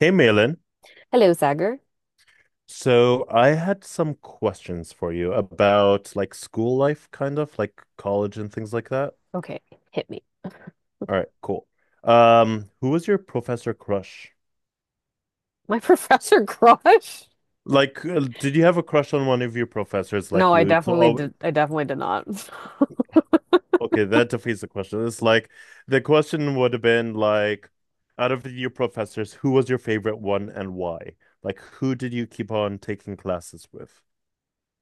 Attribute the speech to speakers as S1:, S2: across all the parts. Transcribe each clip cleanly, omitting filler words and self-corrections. S1: Hey, Malin.
S2: Hello, Sagar.
S1: So I had some questions for you about like school life, kind of like college and things like that.
S2: Okay, hit me.
S1: All right, cool. Who was your professor crush?
S2: My professor crush?
S1: Like, did you have a crush on one of your professors like
S2: No, I
S1: you? So,
S2: definitely
S1: oh,
S2: did. I definitely did not.
S1: okay, that defeats the question. It's like the question would have been like, out of your professors, who was your favorite one and why? Like, who did you keep on taking classes with?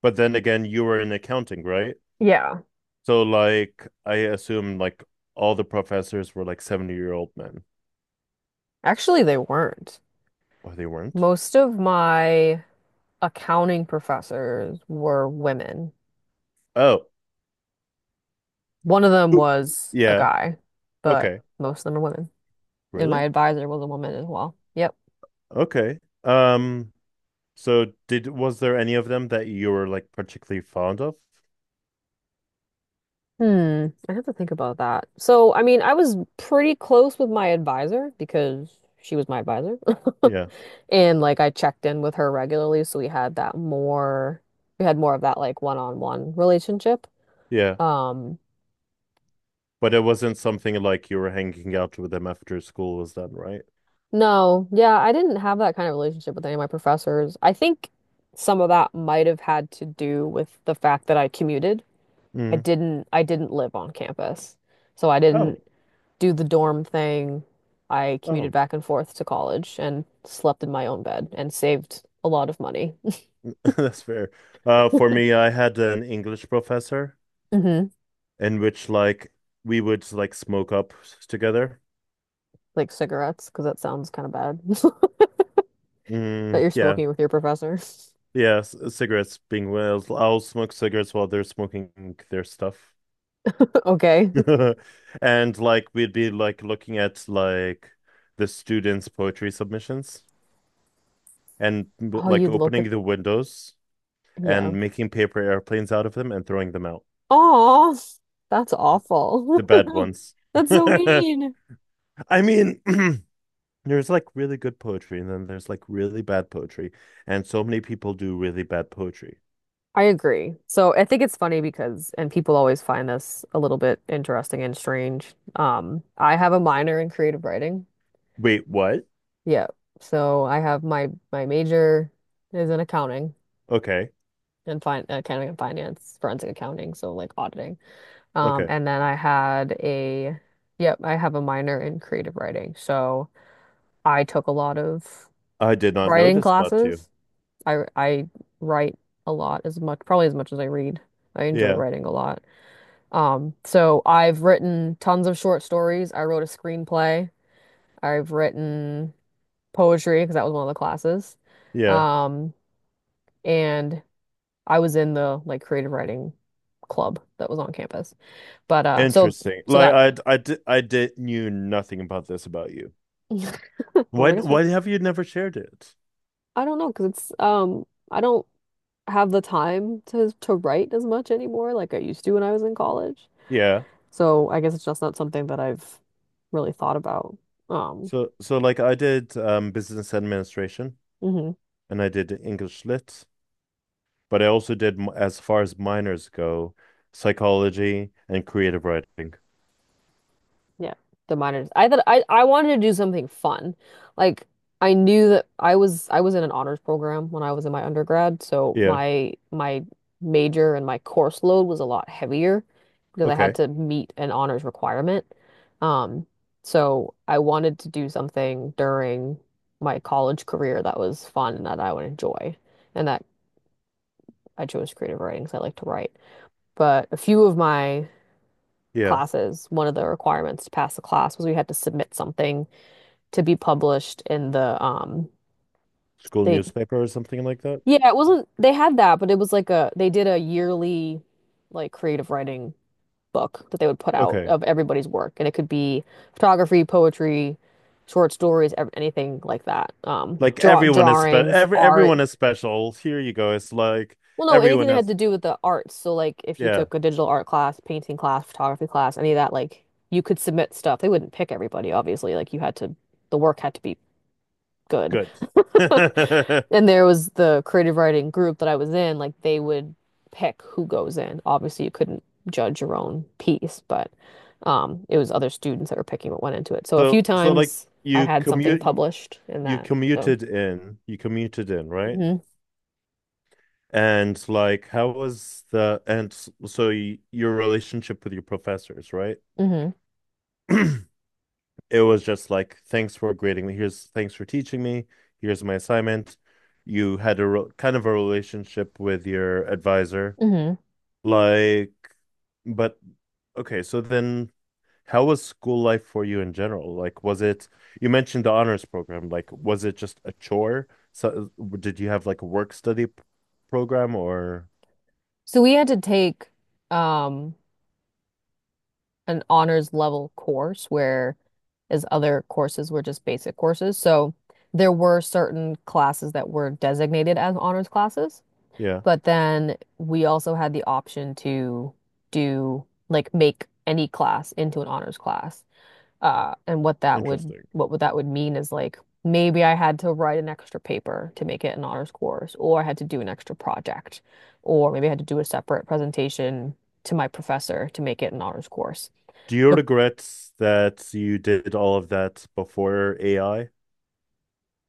S1: But then again, you were in accounting, right?
S2: Yeah,
S1: So like I assume like all the professors were like 70-year-old men.
S2: actually, they weren't.
S1: Or they weren't?
S2: Most of my accounting professors were women.
S1: Oh,
S2: One of them
S1: Who-
S2: was a
S1: yeah.
S2: guy, but
S1: Okay.
S2: most of them are women. And my
S1: Really?
S2: advisor was a woman as well. Yep.
S1: Okay. So did was there any of them that you were like particularly fond of?
S2: I have to think about that. So, I mean, I was pretty close with my advisor because she was my advisor.
S1: Yeah.
S2: And like I checked in with her regularly, so we had that more we had more of that like one-on-one relationship.
S1: Yeah.
S2: Um,
S1: But it wasn't something like you were hanging out with them after school was done, right?
S2: no, yeah, I didn't have that kind of relationship with any of my professors. I think some of that might have had to do with the fact that I commuted. I
S1: Mm.
S2: didn't I didn't live on campus. So I
S1: Oh.
S2: didn't do the dorm thing. I commuted
S1: Oh,
S2: back and forth to college and slept in my own bed and saved a lot of money.
S1: that's fair. For me, I had an English professor
S2: hmm
S1: in which like we would like smoke up together.
S2: Like cigarettes, because that sounds kind of bad that
S1: Mm,
S2: you're
S1: yeah.
S2: smoking with your professor.
S1: Yeah, cigarettes being well. I'll smoke cigarettes while they're smoking their stuff.
S2: Okay.
S1: And like we'd be like looking at like the students' poetry submissions and
S2: Oh,
S1: like
S2: you'd look at,
S1: opening the windows
S2: yeah.
S1: and making paper airplanes out of them and throwing them out.
S2: Oh, that's awful.
S1: The bad ones.
S2: That's so mean.
S1: I mean, there's like really good poetry and then there's like really bad poetry. And so many people do really bad poetry.
S2: I agree. So I think it's funny because, and people always find this a little bit interesting and strange. I have a minor in creative writing.
S1: Wait, what?
S2: Yeah. So I have my major is in accounting
S1: Okay.
S2: and fin accounting and finance, forensic accounting, so like auditing.
S1: Okay.
S2: And then I had a yep, I have a minor in creative writing. So I took a lot of
S1: I did not know
S2: writing
S1: this about you.
S2: classes. I write a lot as much, probably as much as I read. I enjoy
S1: Yeah.
S2: writing a lot. So I've written tons of short stories. I wrote a screenplay. I've written poetry because that was one of the classes.
S1: Yeah.
S2: Um, and I was in the like creative writing club that was on campus. But so
S1: Interesting.
S2: so
S1: Like
S2: that
S1: I did knew nothing about this about you. Why
S2: I guess
S1: why have you never shared it?
S2: I don't know because it's I don't have the time to write as much anymore like I used to when I was in college.
S1: Yeah.
S2: So I guess it's just not something that I've really thought about. Um
S1: So like I did business administration
S2: mhm.
S1: and I did English lit, but I also did as far as minors go, psychology and creative writing.
S2: Yeah, the minors. I thought I wanted to do something fun. Like I knew that I was in an honors program when I was in my undergrad, so
S1: Yeah.
S2: my major and my course load was a lot heavier because I had
S1: Okay.
S2: to meet an honors requirement. Um, so I wanted to do something during my college career that was fun and that I would enjoy, and that I chose creative writing because I like to write. But a few of my
S1: Yeah.
S2: classes, one of the requirements to pass the class was we had to submit something to be published in the
S1: School
S2: they
S1: newspaper or something like that.
S2: yeah, it wasn't they had that, but it was like a they did a yearly like creative writing book that they would put out
S1: Okay.
S2: of everybody's work, and it could be photography, poetry, short stories, ev- anything like that.
S1: Like everyone is spe
S2: Drawings,
S1: every
S2: art.
S1: everyone is special. Here you go. It's like
S2: Well, no, anything
S1: everyone
S2: that had
S1: has
S2: to do with the arts. So like if you
S1: yeah,
S2: took a digital art class, painting class, photography class, any of that like you could submit stuff. They wouldn't pick everybody, obviously. Like you had to the work had to be good.
S1: good.
S2: And there was the creative writing group that I was in, like they would pick who goes in. Obviously, you couldn't judge your own piece, but it was other students that were picking what went into it. So a few
S1: So like
S2: times I
S1: you
S2: had something
S1: commute you,
S2: published in that. So,
S1: you commuted in, right?
S2: hmm
S1: And like how was the and s- so y your relationship with your professors, right?
S2: hmm
S1: It was just like thanks for grading me. Here's thanks for teaching me. Here's my assignment. You had a kind of a relationship with your advisor.
S2: hmm
S1: Like, but okay, so then how was school life for you in general? Like, was it, you mentioned the honors program, like, was it just a chore? So, did you have like a work study program or,
S2: So we had to take um, an honors level course, where as other courses were just basic courses. So there were certain classes that were designated as honors classes.
S1: yeah,
S2: But then we also had the option to do like make any class into an honors class. And what that would
S1: interesting.
S2: what would that would mean is like maybe I had to write an extra paper to make it an honors course, or I had to do an extra project, or maybe I had to do a separate presentation to my professor to make it an honors course.
S1: Do you
S2: The,
S1: regret that you did all of that before AI?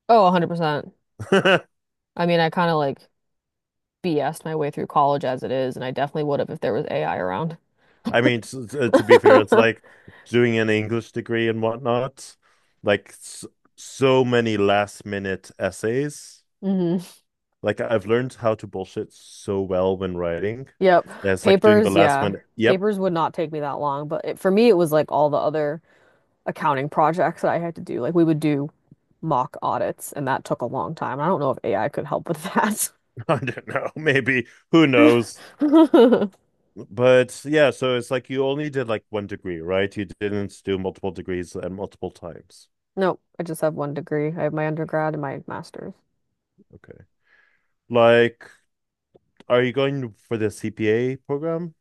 S2: oh, 100%.
S1: I
S2: I mean, I kind of like BS'd my way through college as it is, and I definitely would have if there was AI around.
S1: I mean, to be fair, it's like doing an English degree and whatnot, like s so many last minute essays.
S2: hmm
S1: Like I've learned how to bullshit so well when writing.
S2: Yep.
S1: That's like doing the
S2: Papers,
S1: last
S2: yeah.
S1: minute. Yep,
S2: Papers would not take me that long, but for me, it was like all the other accounting projects that I had to do. Like we would do mock audits, and that took a long time. I don't know if AI could help with that.
S1: I don't know. Maybe who knows? But yeah, so it's like you only did like one degree, right? You didn't do multiple degrees and multiple times.
S2: Nope, I just have one degree. I have my undergrad and my master's.
S1: Okay. Like, are you going for the CPA program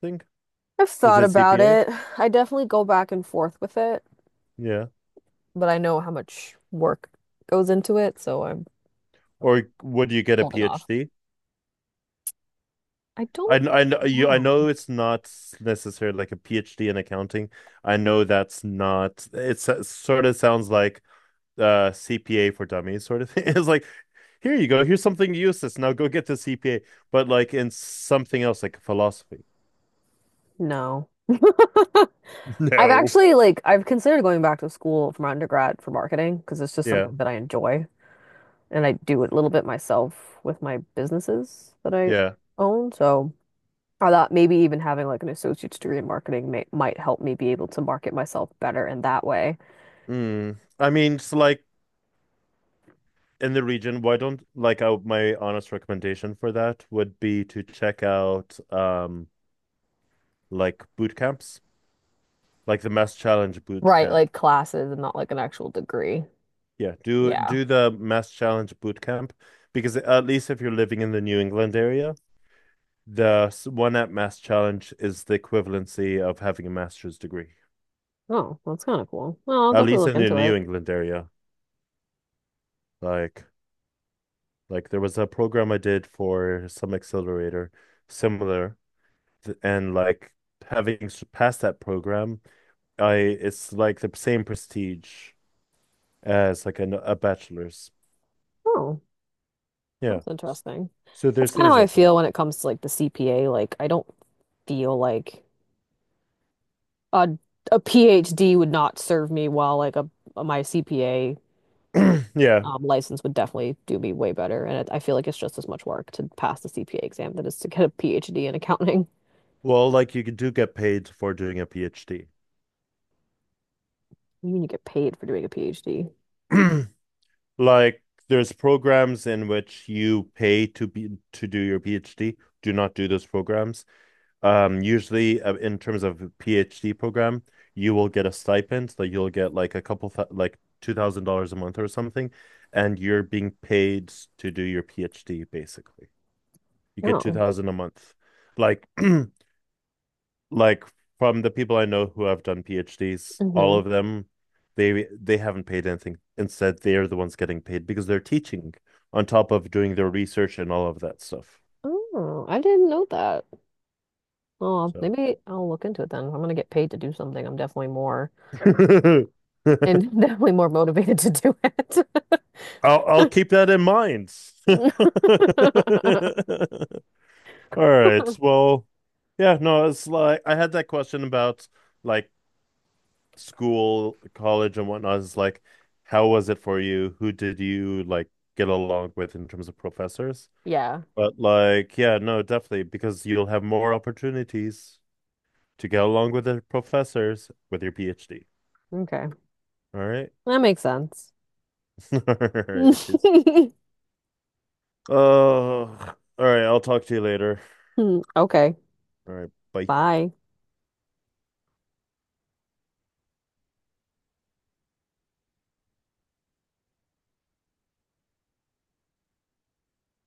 S1: thing?
S2: I've
S1: Is
S2: thought
S1: it
S2: about
S1: CPA?
S2: it. I definitely go back and forth with it,
S1: Yeah.
S2: but I know how much work goes into it, so I'm
S1: Or would you get a
S2: holding off.
S1: PhD?
S2: I don't
S1: I
S2: know.
S1: know it's not necessarily like a PhD in accounting. I know that's not, it's, it sort of sounds like CPA for dummies sort of thing. It's like, here you go, here's something useless. Now go get the CPA, but like in something else, like philosophy.
S2: No. I've
S1: No.
S2: actually I've considered going back to school for my undergrad for marketing because it's just
S1: Yeah,
S2: something that I enjoy, and I do it a little bit myself with my businesses that I
S1: yeah.
S2: own. So I thought maybe even having like an associate's degree in marketing might help me be able to market myself better in that way.
S1: Mm. I mean, it's like in the region, why don't like I, my honest recommendation for that would be to check out like boot camps, like the Mass Challenge boot
S2: Right,
S1: camp.
S2: like classes and not like an actual degree.
S1: Yeah, do
S2: Yeah.
S1: do the Mass Challenge boot camp because at least if you're living in the New England area, the one at Mass Challenge is the equivalency of having a master's degree,
S2: Oh, that's kind of cool. Well, I'll
S1: at
S2: definitely
S1: least
S2: look
S1: in the
S2: into
S1: New
S2: it.
S1: England area. Like, like, there was a program I did for some accelerator, similar, and like having passed that program, I it's like the same prestige as like a bachelor's.
S2: Oh,
S1: Yeah.
S2: that's interesting.
S1: So
S2: That's
S1: there's
S2: kind of how
S1: things
S2: I
S1: like
S2: feel when it comes to like the CPA. Like I don't feel like Uh, a PhD would not serve me well, like a my CPA
S1: that. Yeah.
S2: license would definitely do me way better. And I feel like it's just as much work to pass the CPA exam than it is to get a PhD in accounting.
S1: Well, like you do get paid for doing a PhD.
S2: You mean you get paid for doing a PhD?
S1: Like there's programs in which you pay to do your PhD. Do not do those programs. Usually, in terms of a PhD program, you will get a stipend, so you'll get like a couple th like $2,000 a month or something, and you're being paid to do your PhD basically. You get two
S2: Oh.
S1: thousand a month. Like like from the people I know who have done PhDs, all
S2: hmm
S1: of them, they haven't paid anything. Instead, they are the ones getting paid because they're teaching on top of doing their research and all of that stuff.
S2: Oh, I didn't know that. Oh,
S1: So
S2: maybe I'll look into it then. If I'm gonna get paid to do something, I'm definitely more and definitely more motivated to do it.
S1: I'll keep that in mind. All right. Well, yeah, no, it's like I had that question about like school, college, and whatnot. It's like, how was it for you? Who did you like get along with in terms of professors?
S2: Yeah.
S1: But like, yeah, no, definitely, because you'll have more opportunities to get along with the professors with your PhD.
S2: Okay.
S1: All right.
S2: That makes sense.
S1: All right. Oh, all right. I'll talk to you later.
S2: Okay.
S1: All right. Bye.
S2: Bye.